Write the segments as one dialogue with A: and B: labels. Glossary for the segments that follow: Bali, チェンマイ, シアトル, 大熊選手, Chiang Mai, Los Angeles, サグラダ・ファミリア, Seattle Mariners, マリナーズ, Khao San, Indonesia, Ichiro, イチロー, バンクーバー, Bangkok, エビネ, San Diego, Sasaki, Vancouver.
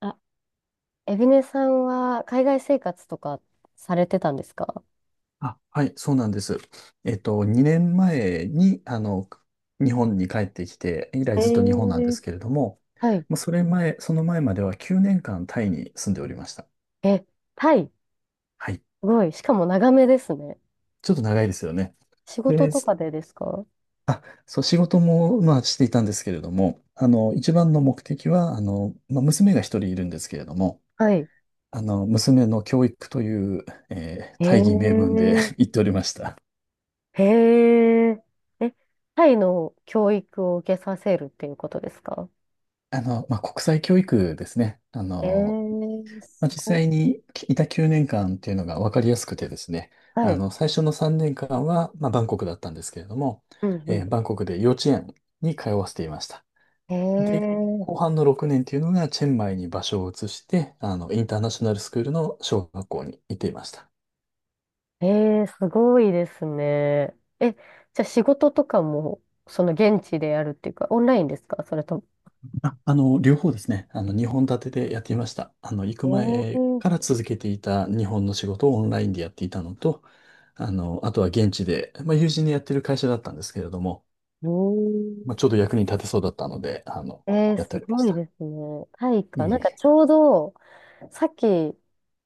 A: あ、エビネさんは海外生活とかされてたんですか？
B: あ、はい、そうなんです。2年前に、日本に帰ってきて、以来ずっと日本なんですけれども、
A: はい。
B: まあ、その前までは9年間タイに住んでおりました。
A: え、タイ、す
B: はい。
A: ごい。しかも長めですね。
B: ちょっと長いですよね。
A: 仕事
B: で、
A: と
B: す
A: かでですか？
B: あ、そう、仕事も、まあ、していたんですけれども、一番の目的は、まあ、娘が一人いるんですけれども、
A: はい。
B: 娘の教育という、
A: へ
B: 大義名分で
A: え、
B: 言っておりました。
A: へえ。え、タイの教育を受けさせるっていうことですか？
B: まあ、国際教育ですね。
A: えー、
B: ま
A: す
B: あ、実
A: ごい。
B: 際にいた9年間っていうのが分かりやすくてですね、
A: はい。
B: 最初の3年間は、まあ、バンコクだったんですけれども、
A: うんう
B: バンコクで幼稚園に通わせていました。
A: ん。
B: で、
A: え
B: 後半の6年っていうのが、チェンマイに場所を移して、インターナショナルスクールの小学校に行っていました。
A: ー、えー、すごいですね。え、じゃあ仕事とかも、その現地でやるっていうか、オンラインですか、それとも。
B: あ、両方ですね、2本立てでやっていました。行
A: え
B: く前
A: ー、
B: から続けていた日本の仕事をオンラインでやっていたのと、あとは現地で、まあ、友人でやってる会社だったんですけれども、
A: うん、
B: まあ、ちょうど役に立てそうだったので、
A: えー、
B: やって
A: す
B: おりま
A: ご
B: し
A: い
B: た。
A: ですね。タイ
B: いえ
A: か。なん
B: い
A: かちょうど、さっき、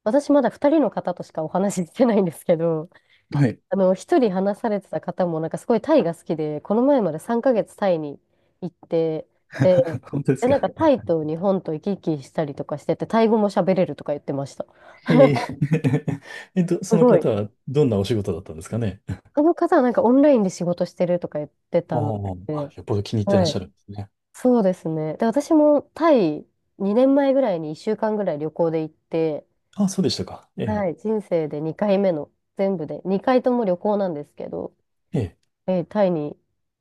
A: 私まだ2人の方としかお話ししてないんですけど、
B: え。はい。
A: あの、1人話されてた方も、なんかすごいタイが好きで、この前まで3ヶ月タイに行って、で、
B: 本当です
A: で、なん
B: か？
A: かタイと日本と行き来したりとかしてて、タイ語も喋れるとか言ってました。
B: へえ。そ
A: す
B: の
A: ごい。
B: 方はどんなお仕事だったんですかね？
A: あの方はなんかオンラインで仕事してるとか言って
B: あー
A: たの
B: あ、
A: で、
B: よっぽど気に入ってらっ
A: は
B: しゃ
A: い。
B: るんですね。
A: そうですね。で、私もタイ2年前ぐらいに1週間ぐらい旅行で行って、
B: あ、そうでしたか。え
A: は
B: え。
A: い、人生で2回目の、全部で、2回とも旅行なんですけど、
B: ええ。
A: えータイに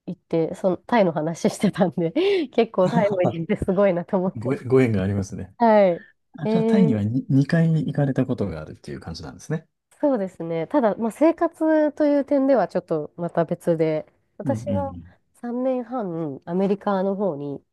A: 行って、そのタイの話してたんで 結構タイ も
B: あ
A: 行ってすごいなと思って。
B: ご縁がありますね。
A: はい。え
B: あ、じゃあ、タイに
A: ー、
B: はに2回行かれたことがあるっていう感じなんですね。
A: そうですね。ただ、まあ、生活という点ではちょっとまた別で、
B: うんう
A: 私
B: んう
A: は
B: ん。
A: 3年半アメリカの方に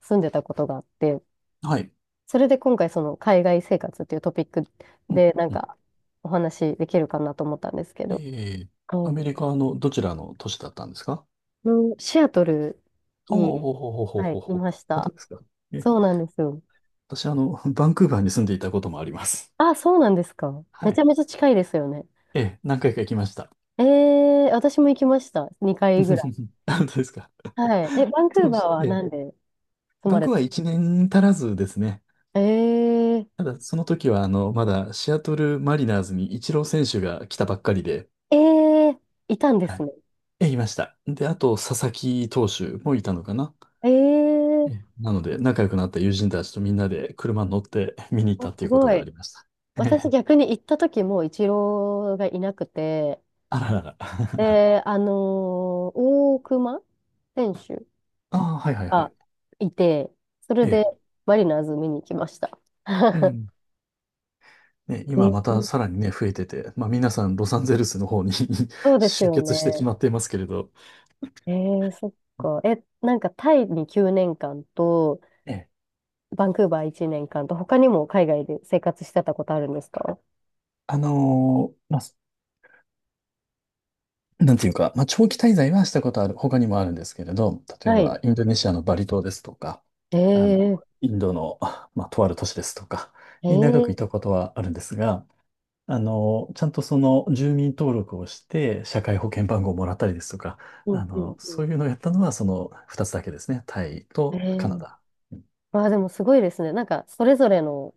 A: 住んでたことがあって、
B: はい。
A: それで今回その海外生活っていうトピック
B: うん
A: でなん
B: うん。
A: かお話できるかなと思ったんですけど、
B: ええ。ア
A: は
B: メリカのどちらの都市だったんですか？
A: い、のシアトル
B: お
A: に、
B: おほほほ
A: はい、
B: ほほ
A: い
B: ほ。
A: まし
B: 本当
A: た。
B: ですか？え
A: そうなんですよ。
B: 私、あの、バンクーバーに住んでいたこともあります。
A: あ、そうなんですか。
B: は
A: めちゃ
B: い。
A: めちゃ近いですよね。
B: ええ、何回か行きました。
A: えー、私も行きました。2回ぐらい。
B: あ、本当ですか？
A: はい。え、バンクー
B: そうで
A: バー
B: す。え
A: はな
B: え、
A: んで住
B: バ
A: ま
B: ン
A: れ
B: クー
A: た？
B: バー1年足らずですね。
A: えー、
B: ただ、その時は、まだシアトルマリナーズにイチロー選手が来たばっかりで、
A: えー、いたんで
B: は
A: す
B: い。
A: ね。
B: ええ、いました。で、あと、佐々木投手もいたのかな。
A: え
B: え
A: ー、
B: え、なので、仲良くなった友人たちとみんなで車に乗って見に行っ
A: あ、
B: たって
A: す
B: いうこと
A: ご
B: があ
A: い。
B: りました。え
A: 私
B: え、
A: 逆に行った時もイチローがいなくて、
B: あららら。
A: で、あのー大熊選手
B: ああ、はいはいは
A: が
B: い。
A: いて、それ
B: え
A: で
B: え。
A: マリナーズ見に行きました。
B: う ん。ね、今また
A: ね、
B: さらにね、増えてて、まあ皆さんロサンゼルスの方に
A: そう です
B: 集
A: よ
B: 結してし
A: ね。
B: まっていますけれど、
A: えー、そっか。え、なんかタイに9年間と、
B: ね、
A: バンクーバー1年間と、他にも海外で生活してたことあるんですか？
B: まあ、なんていうか、まあ長期滞在はしたことある、他にもあるんですけれど、例え
A: はい。
B: ばインドネシアのバリ島ですとか、
A: え
B: あの、
A: ー、
B: インドの、まあ、とある都市ですとか、
A: え
B: に長くい
A: ー、
B: たことはあるんですが、ちゃんとその住民登録をして、社会保険番号をもらったりですとか、
A: うんうんう
B: そ
A: ん。
B: ういうのをやったのはその2つだけですね、タイ
A: え
B: とカナ
A: ー、
B: ダ。
A: わあ、でもすごいですね。なんか、それぞれの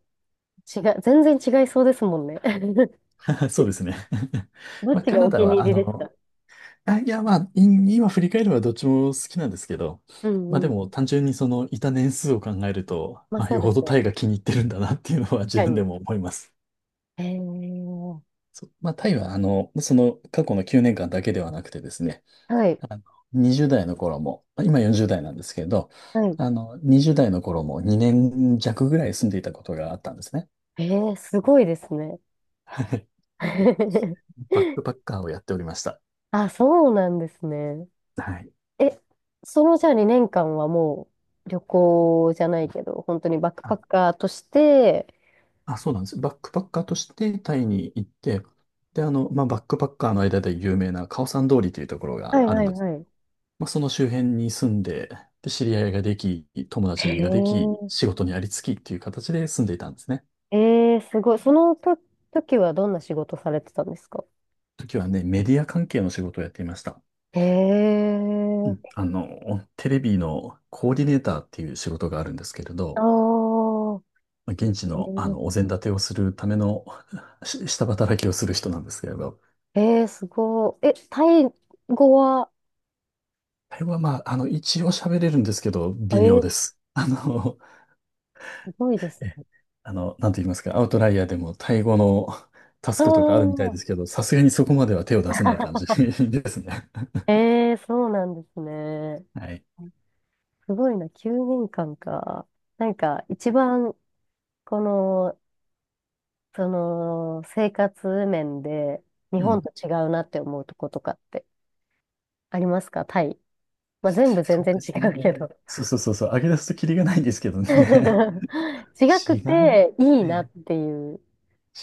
A: 違い、全然違いそうですもんね。
B: そうですね。
A: どっ
B: まあ、
A: ち
B: カ
A: が
B: ナ
A: お
B: ダ
A: 気に
B: は、
A: 入りですか？
B: あ、いや、まあ、今振り返ればどっちも好きなんですけど、
A: う
B: まあで
A: ん、
B: も単純にそのいた年数を考えると、
A: まあ
B: まあ
A: そ
B: よ
A: うで
B: ほど
A: すよ
B: タイ
A: ね。
B: が気に入ってるんだなっていうのは自
A: 確
B: 分で
A: か
B: も思います。
A: に。へえ。
B: そうまあタイは、その過去の9年間だけではなくてですね、
A: はい。
B: あの、20代の頃も、まあ今40代なんですけど、
A: はい。
B: 20代の頃も2年弱ぐらい住んでいたことがあったんですね。
A: ええ、すごいですね。
B: はい。 バックパッカーをやっておりました。
A: あ、そうなんですね。
B: はい。
A: え、そのじゃあ2年間はもう旅行じゃないけど、本当にバックパッカーとして、
B: あ、そうなんです。バックパッカーとしてタイに行って、で、まあ、バックパッカーの間で有名なカオサン通りというところ
A: は
B: が
A: い
B: ある
A: は
B: ん
A: い
B: です。
A: はい。
B: まあ、その周辺に住んで、で、知り合いができ、友達がで
A: へ
B: き、仕事にありつきっていう形で住んでいたんですね。
A: え、えー、すごい。その時はどんな仕事されてたんですか？
B: 時はね、メディア関係の仕事をやっていました。
A: へ
B: う
A: え、
B: ん、テレビのコーディネーターっていう仕事があるんですけれ
A: あ
B: ど、
A: ー、
B: まあ現地の、あ
A: へ
B: のお膳立てをするための下働きをする人なんですけれど、
A: え、えー、すごい。え、タイ語は、
B: あれはまあ、一応喋れるんですけど、
A: え
B: 微妙
A: ー、
B: で
A: す
B: す。
A: ごいで す。
B: え、あの、なんて言いますか、アウトライヤーでもタイ語のタス
A: あ
B: クとかあるみたいで
A: あ、
B: すけど、さすがにそこまでは手を出せない感 じ ですね。
A: ええ、そうなんですね。
B: はい。
A: すごいな、9年間かんか。なんか、一番、この、その、生活面で、日
B: う
A: 本
B: ん。
A: と違うなって思うとことかってありますか、タイ。まあ、全部全
B: そう
A: 然
B: で
A: 違
B: す
A: う
B: ね。
A: けど。
B: そうそうそうそう、上げ出すとキリがないんですけどね。
A: 違く
B: 違い、
A: ていい
B: え
A: な
B: え、
A: っていう。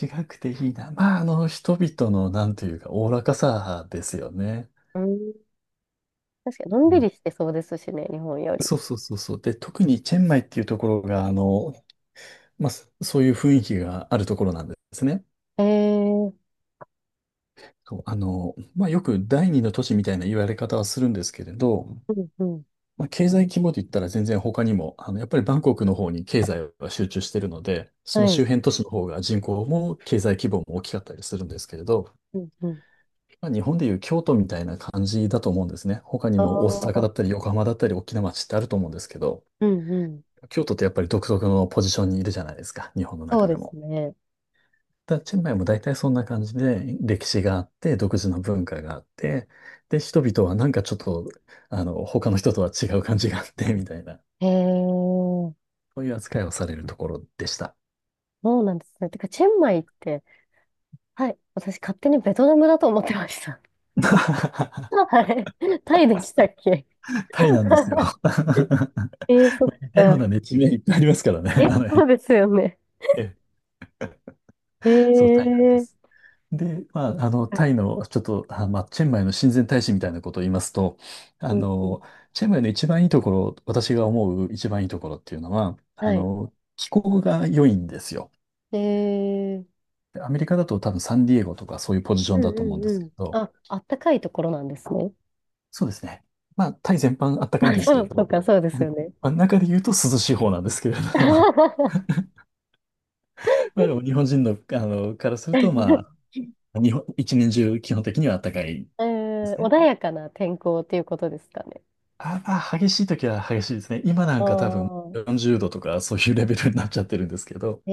B: 違くていいな。まあ、人々の、なんというか、おおらかさですよね。
A: うん、確かに、のん
B: う
A: び
B: ん、
A: りしてそうですしね、日本より。
B: そうそうそうそう。で、特にチェンマイっていうところが、まあ、そういう雰囲気があるところなんですね。
A: ええ、
B: そう、まあ、よく第二の都市みたいな言われ方はするんですけれど、
A: うんうん。
B: まあ、経済規模で言ったら全然他にも、やっぱりバンコクの方に経済は集中してるので、そ
A: は
B: の
A: い。
B: 周辺都市の方が人口も経済規模も大きかったりするんですけれど、
A: うんうん。
B: まあ、日本でいう京都みたいな感じだと思うんですね。他に
A: あ
B: も大阪
A: あ、
B: だったり横浜だったり大きな街ってあると思うんですけど、
A: うんうん。
B: 京都ってやっぱり独特のポジションにいるじゃないですか、日本の
A: そう
B: 中
A: で
B: で
A: す
B: も。
A: ね。
B: だチェンマイも大体そんな感じで、歴史があって、独自の文化があって、で、人々はなんかちょっと、他の人とは違う感じがあって、みたいな、
A: へえ、
B: そういう扱いをされるところでした。
A: そうなんですね。てか、チェンマイって、はい、私勝手にベトナムだと思ってました。はい。タイでしたっけ？
B: タイなんですよ。
A: えー、そっ
B: 似たような
A: か。
B: ね、地名いっぱいありますから
A: え、
B: ね、
A: そうですよね。
B: ええ、
A: え
B: そう、タイなんで
A: ー、
B: す。で、まあ、タイの、ちょっと、あ、まあ、チェンマイの親善大使みたいなことを言いますと、あ
A: うんうん。
B: の、チェンマイの一番いいところ、私が思う一番いいところっていうのは、
A: はい。
B: 気候が良いんですよ。
A: えー、
B: でアメリカだと多分サンディエゴとかそういうポジショ
A: う
B: ン
A: ん
B: だと思うんで
A: うんう
B: すけ
A: ん。
B: ど、
A: あ、あったかいところなんですね。
B: そうですね。まあ、タイ全般あった かいん
A: あ
B: ですけ
A: そ
B: れ
A: う、そう
B: ど、
A: か、そうですよね。
B: まあ、中で言うと涼しい方なんですけれど、まあでも日本人の、からすると、まあ、日本、一年中基本的にはあったかいで
A: えー、
B: すね。
A: 穏やかな天候っていうことですかね。
B: あ、まあ、激しい時は激しいですね。今な
A: あ
B: んか多分
A: あ、
B: 40度とかそういうレベルになっちゃってるんですけど、
A: え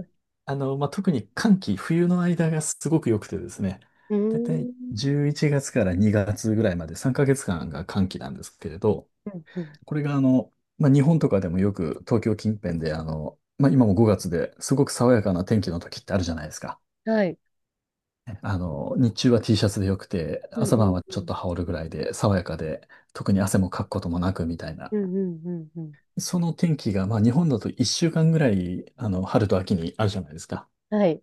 A: ー、
B: まあ、特に寒気、冬の間がすごく良くてですね、
A: うー
B: だいたい
A: ん。
B: 11月から2月ぐらいまで3ヶ月間が寒気なんですけれど、
A: うんうん、
B: これがまあ、日本とかでもよく東京近辺でまあ、今も5月ですごく爽やかな天気の時ってあるじゃないですか。
A: はい。
B: 日中は T シャツでよくて、
A: うん
B: 朝
A: うん
B: 晩は
A: う
B: ちょっと
A: ん。
B: 羽織るぐらいで爽やかで、特に汗もかくこともなくみたいな。
A: うんうんうんうん。
B: その天気が、まあ、日本だと1週間ぐらい、春と秋にあるじゃないですか。
A: はい。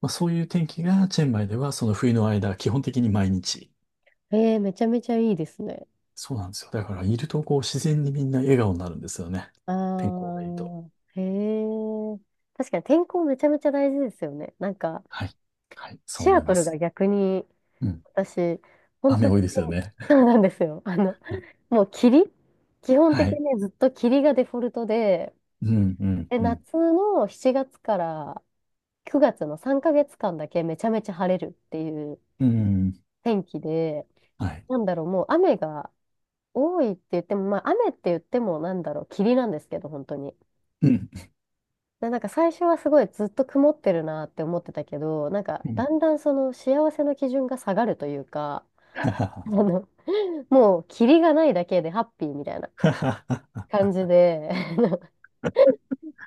B: まあ、そういう天気がチェンマイではその冬の間、基本的に毎日。
A: ええ、めちゃめちゃいいですね。
B: そうなんですよ。だから、いるとこう自然にみんな笑顔になるんですよね。
A: あ
B: 天候がいいと。
A: あ、へえ。確かに天候めちゃめちゃ大事ですよね。なんか、
B: はい。はい、そう
A: シ
B: 思
A: ア
B: い
A: ト
B: ま
A: ルが
B: す。
A: 逆に、
B: うん、
A: 私、本当
B: 雨
A: に
B: 多いですよね。
A: 天、そうなんですよ。あの、もう霧基本
B: は
A: 的
B: い。
A: にね、ずっと霧がデフォルトで、
B: うん、うん、
A: で、
B: うん。
A: 夏の7月から9月の3ヶ月間だけめちゃめちゃ晴れるっていう
B: うん、
A: 天気で、
B: はい。
A: なんだろう、もう雨が、多いって言っても、まあ、雨って言っても、なんだろう、霧なんですけど、本当に。
B: うん。
A: で、なんか最初はすごいずっと曇ってるなって思ってたけど、なんか
B: うん
A: だんだんその幸せの基準が下がるというか、あの、もう霧がないだけでハッピーみたいな 感じで、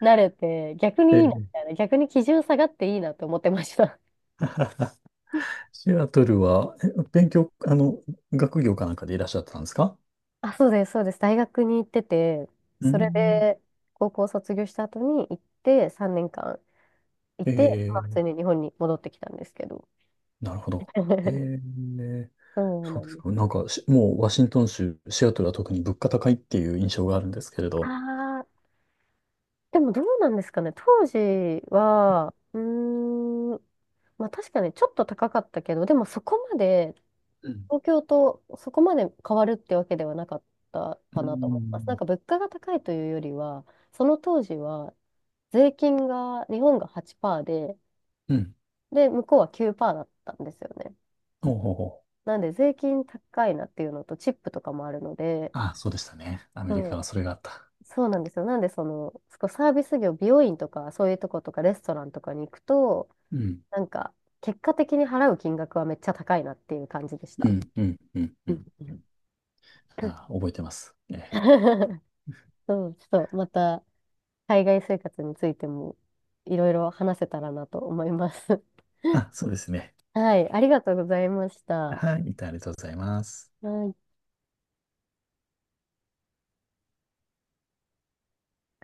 A: 慣れて、逆
B: え
A: にいいなみ
B: ー
A: たいな、逆に基準下がっていいなと思ってました。
B: シアトルは、勉強、学業かなんかでいらっしゃってたんですか？
A: あ、そうです、そうです。大学に行ってて、
B: うー
A: それ
B: ん。
A: で高校卒業した後に行って3年間い
B: え
A: て、まあ普
B: ー、
A: 通に日本に戻ってきたんですけど。
B: なるほど。え ー、
A: そう
B: そ
A: な
B: うで
A: ん
B: す
A: です
B: か。なん
A: よ。
B: かもうワシントン州、シアトルは特に物価高いっていう印象があるんですけれど。
A: ああ、でもどうなんですかね。当時は、うーん、まあ確かにちょっと高かったけど、でもそこまで、
B: うん。
A: 東京とそこまで変わるってわけではなかった
B: うー
A: かなと思います。なん
B: ん。
A: か物価が高いというよりは、その当時は税金が、日本が8%で、
B: うん。
A: で、向こうは9%だったんですよね。
B: ほうほうほう。
A: なんで税金高いなっていうのと、チップとかもあるので、
B: ああ、そうでしたね。アメリ
A: そ
B: カはそれがあった。
A: うそうなんですよ。なんで、その、そこサービス業、美容院とか、そういうとことか、レストランとかに行くと、
B: うん。
A: なんか、結果的に払う金額はめっちゃ高いなっていう感じでし
B: う
A: た。
B: ん、うん、うん、う
A: うん。
B: ん。あ、覚えてます。ええ、
A: そう、ちょっと、また、海外生活についても、いろいろ話せたらなと思います。
B: あ、そうですね。
A: はい、ありがとうございました。
B: はい、ありがとうございます。
A: はい